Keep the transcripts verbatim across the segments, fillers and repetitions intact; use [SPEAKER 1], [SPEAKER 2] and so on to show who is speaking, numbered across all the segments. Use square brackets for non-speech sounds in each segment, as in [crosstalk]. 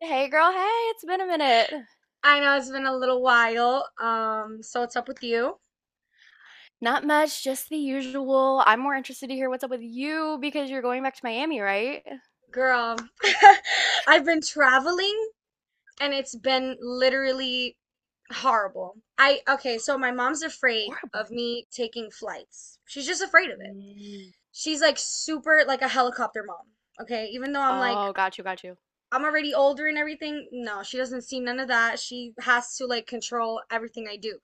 [SPEAKER 1] Hey girl, hey, it's been a minute.
[SPEAKER 2] I know it's been a little while. Um, so what's up with you?
[SPEAKER 1] Not much, just the usual. I'm more interested to hear what's up with you because you're going back to Miami, right?
[SPEAKER 2] Girl, [laughs] I've been traveling and it's been literally horrible. I okay, so my mom's afraid of me taking flights. She's just afraid of it.
[SPEAKER 1] Mm.
[SPEAKER 2] She's like super like a helicopter mom. Okay, even though I'm like
[SPEAKER 1] Oh, got you, got you.
[SPEAKER 2] I'm already older and everything. No, she doesn't see none of that. She has to like control everything I do.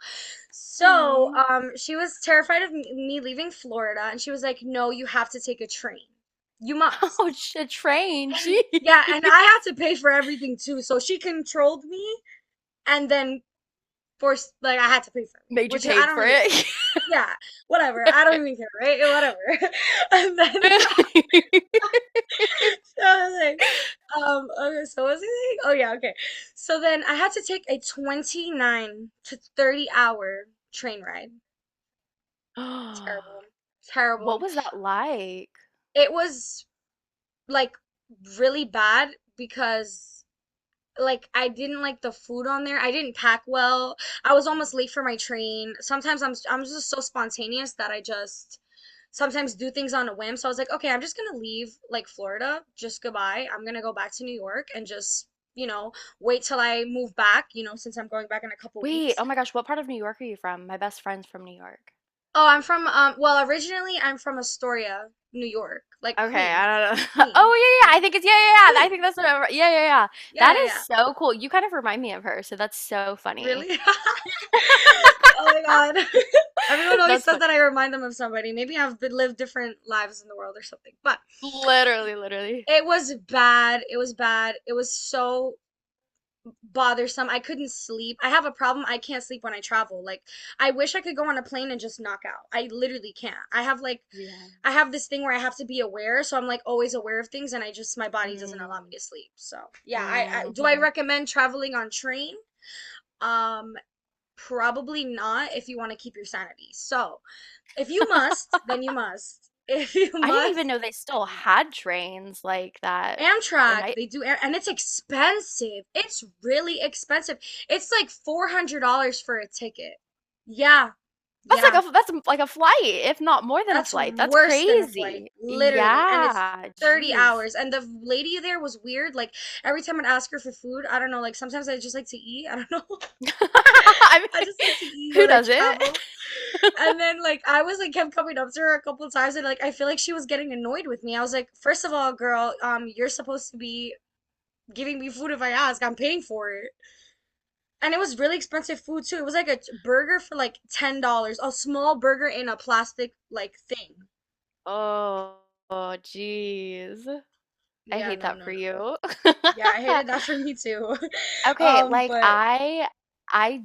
[SPEAKER 2] So,
[SPEAKER 1] Hmm.
[SPEAKER 2] um, she was terrified of me leaving Florida, and she was like, "No, you have to take a train. You
[SPEAKER 1] [laughs] Oh,
[SPEAKER 2] must."
[SPEAKER 1] sh- a train.
[SPEAKER 2] And
[SPEAKER 1] Gee.
[SPEAKER 2] yeah, and I had to pay for everything too. So she controlled me and then forced like I had to pay for
[SPEAKER 1] [laughs]
[SPEAKER 2] everything,
[SPEAKER 1] Made you
[SPEAKER 2] which I
[SPEAKER 1] paid
[SPEAKER 2] don't
[SPEAKER 1] for
[SPEAKER 2] really care.
[SPEAKER 1] it.
[SPEAKER 2] Yeah, whatever. I don't even care, right? Whatever. [laughs] And then [laughs]
[SPEAKER 1] [gasps] [laughs]
[SPEAKER 2] so I was like, Um, okay, so what was I saying? Oh yeah, okay. So then I had to take a twenty-nine to thirty hour train ride.
[SPEAKER 1] [laughs]
[SPEAKER 2] Terrible.
[SPEAKER 1] What
[SPEAKER 2] Terrible.
[SPEAKER 1] was that like?
[SPEAKER 2] It was like really bad because like I didn't like the food on there. I didn't pack well. I was almost
[SPEAKER 1] Mm.
[SPEAKER 2] late for my train. Sometimes I'm I'm just so spontaneous that I just sometimes do things on a whim. So I was like, okay, I'm just gonna leave like Florida. Just goodbye. I'm gonna go back to New York and just, you know, wait till I move back, you know, since I'm going back in a couple
[SPEAKER 1] Wait,
[SPEAKER 2] weeks.
[SPEAKER 1] oh my gosh, what part of New York are you from? My best friend's from New York.
[SPEAKER 2] Oh, I'm from um well, originally I'm from Astoria, New York, like
[SPEAKER 1] Okay, I
[SPEAKER 2] Queens.
[SPEAKER 1] don't know. [laughs]
[SPEAKER 2] Queens,
[SPEAKER 1] Oh, yeah, yeah, yeah, I
[SPEAKER 2] Queens,
[SPEAKER 1] think it's, yeah, yeah, yeah. I think
[SPEAKER 2] Queens.
[SPEAKER 1] that's what I, yeah, yeah, yeah. That
[SPEAKER 2] Yeah, yeah,
[SPEAKER 1] is
[SPEAKER 2] yeah.
[SPEAKER 1] so cool. You kind of remind me of her, so that's so funny.
[SPEAKER 2] Really? [laughs] Oh my God. [laughs] Everyone
[SPEAKER 1] [laughs]
[SPEAKER 2] always
[SPEAKER 1] That's
[SPEAKER 2] says that
[SPEAKER 1] funny.
[SPEAKER 2] I remind them of somebody. Maybe I've been, lived different lives in the world or something. But
[SPEAKER 1] Literally, literally.
[SPEAKER 2] it was bad. It was bad. It was so bothersome. I couldn't sleep. I have a problem. I can't sleep when I travel. Like, I wish I could go on a plane and just knock out. I literally can't. I have like,
[SPEAKER 1] Yeah.
[SPEAKER 2] I have this thing where I have to be aware, so I'm like always aware of things, and I just my body doesn't allow me
[SPEAKER 1] Mm,
[SPEAKER 2] to sleep. So yeah, I, I do I
[SPEAKER 1] mhm.
[SPEAKER 2] recommend traveling on train? Um, Probably not if you want to keep your sanity. So, if you must, then you must. [laughs] If you
[SPEAKER 1] I didn't
[SPEAKER 2] must,
[SPEAKER 1] even know they
[SPEAKER 2] then
[SPEAKER 1] still
[SPEAKER 2] you
[SPEAKER 1] had trains like that.
[SPEAKER 2] must.
[SPEAKER 1] Am
[SPEAKER 2] Amtrak,
[SPEAKER 1] I
[SPEAKER 2] they do and it's expensive. It's really expensive. It's like four hundred dollars for a ticket. Yeah,
[SPEAKER 1] That's
[SPEAKER 2] yeah.
[SPEAKER 1] like a that's like a flight, if not more than a
[SPEAKER 2] That's
[SPEAKER 1] flight. That's
[SPEAKER 2] worse than a flight,
[SPEAKER 1] crazy.
[SPEAKER 2] literally. And it's
[SPEAKER 1] Yeah,
[SPEAKER 2] thirty
[SPEAKER 1] jeez.
[SPEAKER 2] hours. And the lady there was weird. Like, every time I'd ask her for food, I don't know, like sometimes I just like to eat. [laughs] I don't know.
[SPEAKER 1] [laughs] I
[SPEAKER 2] I
[SPEAKER 1] mean,
[SPEAKER 2] just like to eat
[SPEAKER 1] who
[SPEAKER 2] when I
[SPEAKER 1] doesn't?
[SPEAKER 2] travel.
[SPEAKER 1] [laughs]
[SPEAKER 2] And then like I was like kept coming up to her a couple times and like I feel like she was getting annoyed with me. I was like, first of all, girl, um, you're supposed to be giving me food if I ask. I'm paying for it. And it was really expensive food too. It was like a t- burger for like ten dollars, a small burger in a plastic like thing.
[SPEAKER 1] Oh, jeez. I
[SPEAKER 2] Yeah,
[SPEAKER 1] hate
[SPEAKER 2] no,
[SPEAKER 1] that
[SPEAKER 2] no,
[SPEAKER 1] for
[SPEAKER 2] no.
[SPEAKER 1] you. [laughs]
[SPEAKER 2] Yeah, I hated that [laughs] for me too. [laughs]
[SPEAKER 1] Okay,
[SPEAKER 2] Um,
[SPEAKER 1] like,
[SPEAKER 2] but
[SPEAKER 1] I I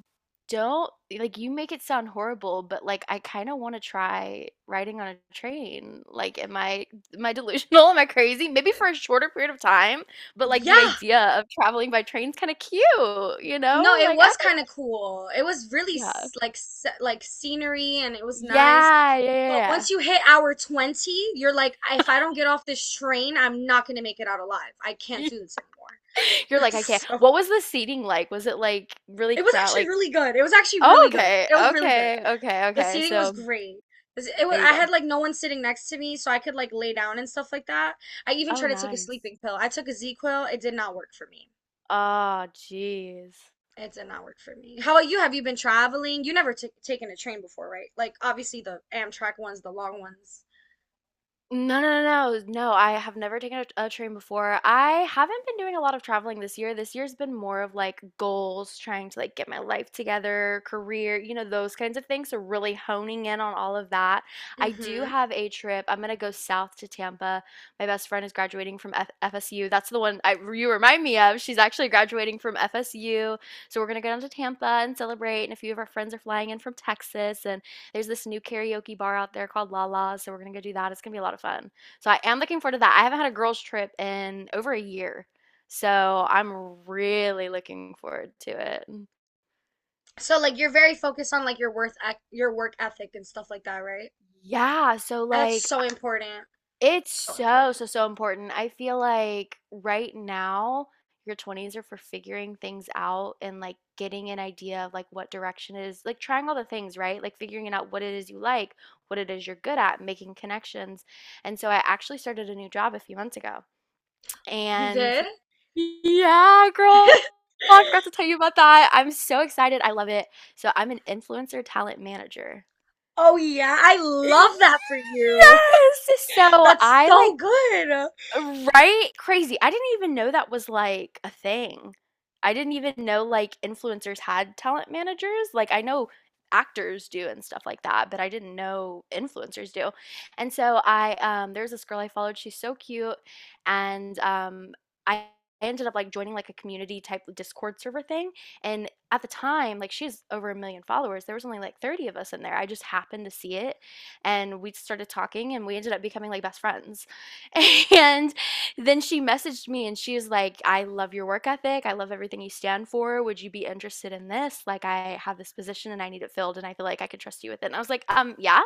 [SPEAKER 1] don't like, you make it sound horrible, but, like, I kinda wanna try riding on a train. Like, am I am I delusional? [laughs] Am I crazy? Maybe for a shorter period of time, but, like, the
[SPEAKER 2] yeah,
[SPEAKER 1] idea of traveling by train's kinda cute, you know?
[SPEAKER 2] no, it
[SPEAKER 1] Like, I
[SPEAKER 2] was
[SPEAKER 1] don't.
[SPEAKER 2] kind of cool. It was really
[SPEAKER 1] Yeah.
[SPEAKER 2] s- like se- like scenery and it was nice.
[SPEAKER 1] Yeah, yeah,
[SPEAKER 2] But
[SPEAKER 1] yeah.
[SPEAKER 2] once you hit hour twenty, you're like, if I don't get off this train, I'm not going to make it out alive. I can't
[SPEAKER 1] Yeah.
[SPEAKER 2] do this anymore.
[SPEAKER 1] [laughs]
[SPEAKER 2] [laughs]
[SPEAKER 1] You're
[SPEAKER 2] It
[SPEAKER 1] like, "I
[SPEAKER 2] was
[SPEAKER 1] can't."
[SPEAKER 2] so,
[SPEAKER 1] What was the seating like? Was it, like, really
[SPEAKER 2] it was
[SPEAKER 1] crow
[SPEAKER 2] actually
[SPEAKER 1] like.
[SPEAKER 2] really good. It was actually
[SPEAKER 1] Oh,
[SPEAKER 2] really good.
[SPEAKER 1] okay,
[SPEAKER 2] It was really good.
[SPEAKER 1] okay, okay,
[SPEAKER 2] The
[SPEAKER 1] okay,
[SPEAKER 2] seating was
[SPEAKER 1] so.
[SPEAKER 2] great. This- It was,
[SPEAKER 1] There you
[SPEAKER 2] I
[SPEAKER 1] go.
[SPEAKER 2] had like no one sitting next to me, so I could like lay down and stuff like that. I even
[SPEAKER 1] Oh,
[SPEAKER 2] tried to take a
[SPEAKER 1] nice.
[SPEAKER 2] sleeping pill. I took a Z-Quil. It did not work for me.
[SPEAKER 1] Ah, jeez.
[SPEAKER 2] It did not work for me. How about you? Have you been traveling? You never took taken a train before, right? Like obviously the Amtrak ones, the long ones.
[SPEAKER 1] No, no, no, no. No, I have never taken a, a train before. I haven't been doing a lot of traveling this year. This year's been more of like goals, trying to like get my life together, career, you know, those kinds of things. So really honing in on all of that. I do
[SPEAKER 2] Hmm.
[SPEAKER 1] have a trip. I'm gonna go south to Tampa. My best friend is graduating from F FSU. That's the one I, you remind me of. She's actually graduating from F S U. So we're gonna go down to Tampa and celebrate. And a few of our friends are flying in from Texas, and there's this new karaoke bar out there called La La, so we're gonna go do that. It's gonna be a lot of fun. So I am looking forward to that. I haven't had a girls' trip in over a year, so I'm really looking forward to it.
[SPEAKER 2] So like you're very focused on like your worth your work ethic and stuff like that, right?
[SPEAKER 1] Yeah, so
[SPEAKER 2] And that's
[SPEAKER 1] like,
[SPEAKER 2] so important.
[SPEAKER 1] it's
[SPEAKER 2] So
[SPEAKER 1] so,
[SPEAKER 2] important.
[SPEAKER 1] so, so important. I feel like right now, your twenties are for figuring things out and like getting an idea of like what direction it is, like trying all the things, right? Like figuring it out what it is you like, what it is you're good at, making connections. And so I actually started a new job a few months ago.
[SPEAKER 2] You
[SPEAKER 1] And
[SPEAKER 2] did?
[SPEAKER 1] yeah,
[SPEAKER 2] [laughs]
[SPEAKER 1] girl, I forgot to tell you about that. I'm so excited. I love it. So I'm an influencer talent manager.
[SPEAKER 2] Oh yeah, I
[SPEAKER 1] Yes!
[SPEAKER 2] love that for you.
[SPEAKER 1] So
[SPEAKER 2] [laughs] That's
[SPEAKER 1] I,
[SPEAKER 2] so
[SPEAKER 1] like,
[SPEAKER 2] good.
[SPEAKER 1] right? Crazy. I didn't even know that was, like, a thing. I didn't even know, like, influencers had talent managers. Like, I know actors do and stuff like that, but I didn't know influencers do. And so I, um there's this girl I followed, she's so cute, and, um, I ended up, like, joining, like, a community type Discord server thing, and at the time, like, she's over a million followers, there was only, like, thirty of us in there. I just happened to see it, and we started talking, and we ended up becoming, like, best friends. [laughs] And then she messaged me and she was like, "I love your work ethic. I love everything you stand for. Would you be interested in this? Like, I have this position and I need it filled and I feel like I could trust you with it." And I was like, um, yeah,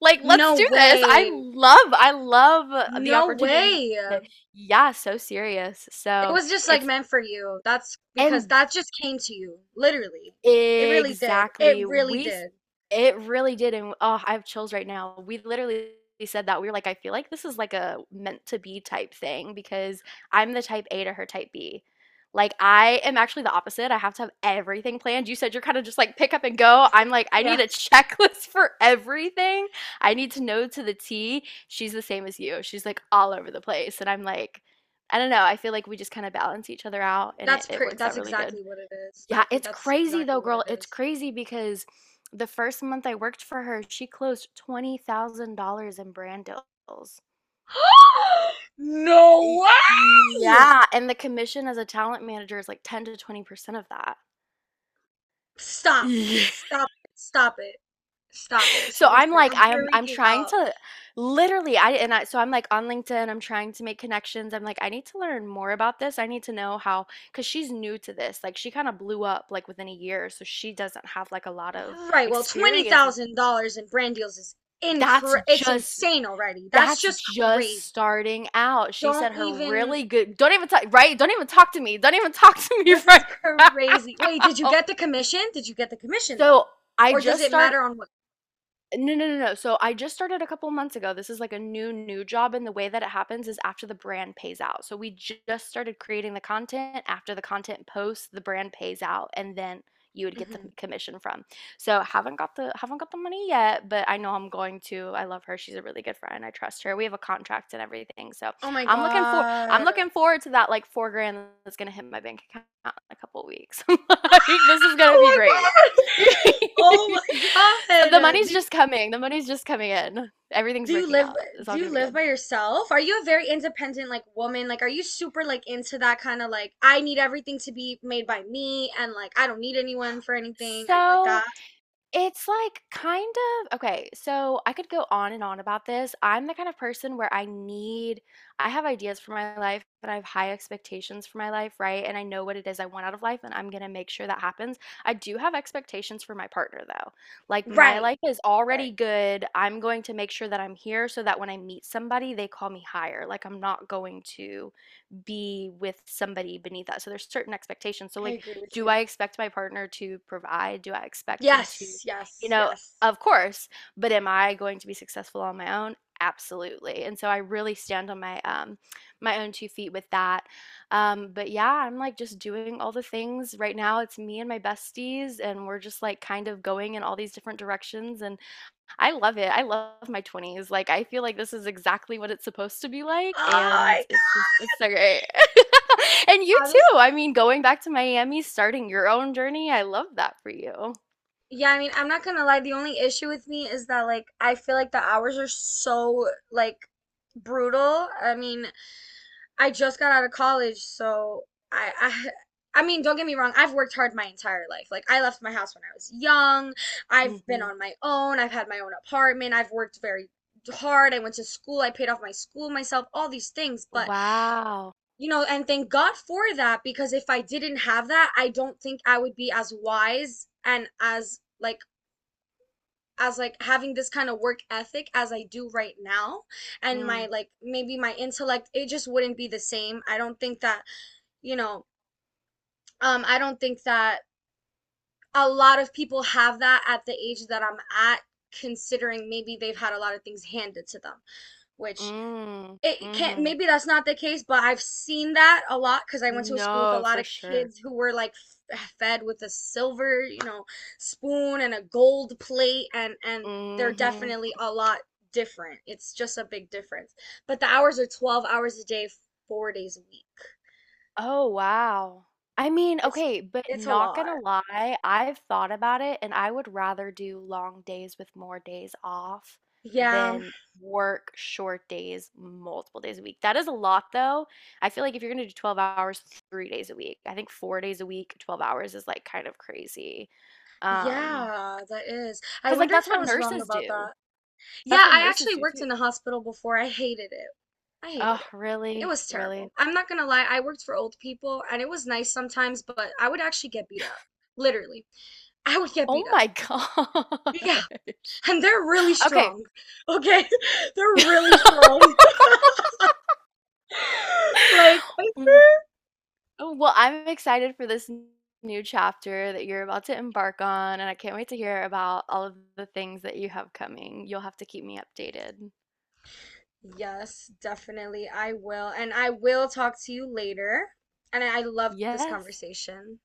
[SPEAKER 1] like, let's
[SPEAKER 2] No
[SPEAKER 1] do this. I
[SPEAKER 2] way.
[SPEAKER 1] love, I love uh, the
[SPEAKER 2] No
[SPEAKER 1] opportunity.
[SPEAKER 2] way.
[SPEAKER 1] to- yeah, so serious.
[SPEAKER 2] It
[SPEAKER 1] So
[SPEAKER 2] was just like
[SPEAKER 1] it's,
[SPEAKER 2] meant for you. That's because
[SPEAKER 1] and
[SPEAKER 2] that just came to you, literally. It really did. It
[SPEAKER 1] exactly.
[SPEAKER 2] really
[SPEAKER 1] We s
[SPEAKER 2] did.
[SPEAKER 1] it really did, and oh, I have chills right now. We literally said that. We were like, "I feel like this is like a meant to be type thing," because I'm the type A to her type B. Like, I am actually the opposite. I have to have everything planned. You said you're kinda just like pick up and go. I'm like, I
[SPEAKER 2] Yeah.
[SPEAKER 1] need a [laughs] checklist for everything. I need to know to the T. She's the same as you. She's like all over the place, and I'm like, I don't know. I feel like we just kinda balance each other out, and it
[SPEAKER 2] That's
[SPEAKER 1] it
[SPEAKER 2] per
[SPEAKER 1] works
[SPEAKER 2] that's
[SPEAKER 1] out really good.
[SPEAKER 2] exactly what it is.
[SPEAKER 1] Yeah,
[SPEAKER 2] I think
[SPEAKER 1] it's
[SPEAKER 2] that's
[SPEAKER 1] crazy
[SPEAKER 2] exactly
[SPEAKER 1] though,
[SPEAKER 2] what
[SPEAKER 1] girl.
[SPEAKER 2] it
[SPEAKER 1] It's
[SPEAKER 2] is.
[SPEAKER 1] crazy because the first month I worked for her, she closed twenty thousand dollars in brand deals.
[SPEAKER 2] [gasps] No
[SPEAKER 1] Y-
[SPEAKER 2] way!
[SPEAKER 1] Yeah, and the commission as a talent manager is like ten to twenty percent of that.
[SPEAKER 2] Stop.
[SPEAKER 1] Yeah. [laughs]
[SPEAKER 2] Stop it. Stop it. Stop it.
[SPEAKER 1] So I'm
[SPEAKER 2] Seriously,
[SPEAKER 1] like
[SPEAKER 2] I'm
[SPEAKER 1] I'm I'm
[SPEAKER 2] freaking
[SPEAKER 1] trying
[SPEAKER 2] out.
[SPEAKER 1] to literally, I and I so I'm like on LinkedIn, I'm trying to make connections. I'm like I need to learn more about this. I need to know how cuz she's new to this. Like she kind of blew up like within a year, so she doesn't have like a lot of
[SPEAKER 2] Right, well,
[SPEAKER 1] experience with
[SPEAKER 2] twenty thousand dollars in brand deals is
[SPEAKER 1] that's
[SPEAKER 2] incre- it's
[SPEAKER 1] just
[SPEAKER 2] insane already. That's
[SPEAKER 1] That's
[SPEAKER 2] just
[SPEAKER 1] just
[SPEAKER 2] crazy.
[SPEAKER 1] starting out. She
[SPEAKER 2] Don't
[SPEAKER 1] said her
[SPEAKER 2] even
[SPEAKER 1] really good, don't even talk, right? Don't even talk to me. Don't even [laughs] talk to me
[SPEAKER 2] This
[SPEAKER 1] right
[SPEAKER 2] is crazy. Wait, did you
[SPEAKER 1] now.
[SPEAKER 2] get
[SPEAKER 1] [laughs]
[SPEAKER 2] the commission? Did you get the commission
[SPEAKER 1] So
[SPEAKER 2] though?
[SPEAKER 1] I
[SPEAKER 2] Or does
[SPEAKER 1] just
[SPEAKER 2] it
[SPEAKER 1] started.
[SPEAKER 2] matter on what?
[SPEAKER 1] No, no, no, no. So I just started a couple months ago. This is like a new, new job. And the way that it happens is after the brand pays out. So we ju- just started creating the content. After the content posts, the brand pays out and then you would get the
[SPEAKER 2] Hmm.
[SPEAKER 1] commission from. So haven't got the haven't got the money yet, but I know I'm going to. I love her. She's a really good friend. I trust her. We have a contract and everything. So
[SPEAKER 2] Oh my
[SPEAKER 1] I'm looking for I'm
[SPEAKER 2] God.
[SPEAKER 1] looking forward to that like four grand that's gonna hit my bank account in a couple weeks. [laughs] Like this is gonna
[SPEAKER 2] Oh
[SPEAKER 1] be
[SPEAKER 2] my
[SPEAKER 1] great.
[SPEAKER 2] God. [laughs] Oh
[SPEAKER 1] [laughs]
[SPEAKER 2] my
[SPEAKER 1] So the
[SPEAKER 2] God.
[SPEAKER 1] money's
[SPEAKER 2] Do you
[SPEAKER 1] just coming. The money's just coming in.
[SPEAKER 2] Do
[SPEAKER 1] Everything's
[SPEAKER 2] you
[SPEAKER 1] working
[SPEAKER 2] live
[SPEAKER 1] out. It's
[SPEAKER 2] do
[SPEAKER 1] all
[SPEAKER 2] you
[SPEAKER 1] gonna be
[SPEAKER 2] live
[SPEAKER 1] good.
[SPEAKER 2] by yourself? Are you a very independent like woman? Like are you super like into that kind of like I need everything to be made by me and like I don't need anyone for anything? Are you like
[SPEAKER 1] So
[SPEAKER 2] that?
[SPEAKER 1] it's like kind of okay, so I could go on and on about this. I'm the kind of person where I need I have ideas for my life, but I have high expectations for my life, right? And I know what it is I want out of life, and I'm gonna make sure that happens. I do have expectations for my partner though. Like my
[SPEAKER 2] Right.
[SPEAKER 1] life is already
[SPEAKER 2] Right.
[SPEAKER 1] good. I'm going to make sure that I'm here so that when I meet somebody, they call me higher. Like I'm not going to be with somebody beneath that. So there's certain expectations. So
[SPEAKER 2] I
[SPEAKER 1] like,
[SPEAKER 2] agree with
[SPEAKER 1] do
[SPEAKER 2] you.
[SPEAKER 1] I expect my partner to provide? Do I expect him to,
[SPEAKER 2] Yes,
[SPEAKER 1] you
[SPEAKER 2] yes,
[SPEAKER 1] know,
[SPEAKER 2] yes.
[SPEAKER 1] of course, but am I going to be successful on my own? Absolutely. And so I really stand on my um my own two feet with that. Um but yeah, I'm like just doing all the things right now. It's me and my besties and we're just like kind of going in all these different directions and I love it. I love my twenties. Like I feel like this is exactly what it's supposed to be
[SPEAKER 2] Oh
[SPEAKER 1] like
[SPEAKER 2] my
[SPEAKER 1] and it's just it's so great. [laughs] And you
[SPEAKER 2] God.
[SPEAKER 1] too. I
[SPEAKER 2] Honestly.
[SPEAKER 1] mean, going back to Miami, starting your own journey. I love that for you.
[SPEAKER 2] Yeah, I mean, I'm not gonna lie. The only issue with me is that like I feel like the hours are so like brutal. I mean, I just got out of college, so I, I I mean, don't get me wrong, I've worked hard my entire life. Like I left my house when I was young. I've been
[SPEAKER 1] Mhm.
[SPEAKER 2] on my own. I've had my own apartment. I've worked very hard. I went to school. I paid off my school myself, all these things, but
[SPEAKER 1] Wow.
[SPEAKER 2] you know, and thank God for that because if I didn't have that, I don't think I would be as wise and as like as like having this kind of work ethic as I do right now and my
[SPEAKER 1] Mm,
[SPEAKER 2] like maybe my intellect it just wouldn't be the same. I don't think that you know, um, I don't think that a lot of people have that at the age that I'm at, considering maybe they've had a lot of things handed to them, which
[SPEAKER 1] mm,
[SPEAKER 2] it can't,
[SPEAKER 1] mhm.
[SPEAKER 2] maybe that's not the case, but I've seen that a lot because I went to a school with a
[SPEAKER 1] No,
[SPEAKER 2] lot
[SPEAKER 1] for
[SPEAKER 2] of
[SPEAKER 1] sure.
[SPEAKER 2] kids who were like f- fed with a silver, you know, spoon and a gold plate, and and they're
[SPEAKER 1] Mhm.
[SPEAKER 2] definitely a lot different. It's just a big difference. But the hours are twelve hours a day, four days a week.
[SPEAKER 1] Oh, wow. I mean,
[SPEAKER 2] It's
[SPEAKER 1] okay, but
[SPEAKER 2] it's a
[SPEAKER 1] not
[SPEAKER 2] lot.
[SPEAKER 1] gonna lie, I've thought about it and I would rather do long days with more days off
[SPEAKER 2] Yeah.
[SPEAKER 1] than work short days multiple days a week. That is a lot though. I feel like if you're gonna do twelve hours, three days a week, I think four days a week, twelve hours is like kind of crazy. Um,
[SPEAKER 2] Yeah, that is. I
[SPEAKER 1] because like
[SPEAKER 2] wonder
[SPEAKER 1] that's
[SPEAKER 2] if I
[SPEAKER 1] what
[SPEAKER 2] was wrong
[SPEAKER 1] nurses
[SPEAKER 2] about
[SPEAKER 1] do.
[SPEAKER 2] that.
[SPEAKER 1] That's
[SPEAKER 2] Yeah,
[SPEAKER 1] what
[SPEAKER 2] I
[SPEAKER 1] nurses
[SPEAKER 2] actually
[SPEAKER 1] do
[SPEAKER 2] worked
[SPEAKER 1] too.
[SPEAKER 2] in a hospital before. I hated it. I hated
[SPEAKER 1] Oh,
[SPEAKER 2] it. It
[SPEAKER 1] really?
[SPEAKER 2] was
[SPEAKER 1] Really?
[SPEAKER 2] terrible. I'm not gonna lie, I worked for old people and it was nice sometimes, but I would actually get beat up. Literally. I would get
[SPEAKER 1] Oh
[SPEAKER 2] beat up.
[SPEAKER 1] my [laughs] gosh.
[SPEAKER 2] Yeah, and they're really
[SPEAKER 1] Okay.
[SPEAKER 2] strong. Okay? [laughs] They're really
[SPEAKER 1] [laughs]
[SPEAKER 2] strong. [laughs] Like,
[SPEAKER 1] Mm. Oh, well, I'm excited for this n- new chapter that you're about to embark on, and I can't wait to hear about all of the things that you have coming. You'll have to keep me updated.
[SPEAKER 2] yes, definitely. I will. And I will talk to you later. And I I loved this
[SPEAKER 1] Yes.
[SPEAKER 2] conversation.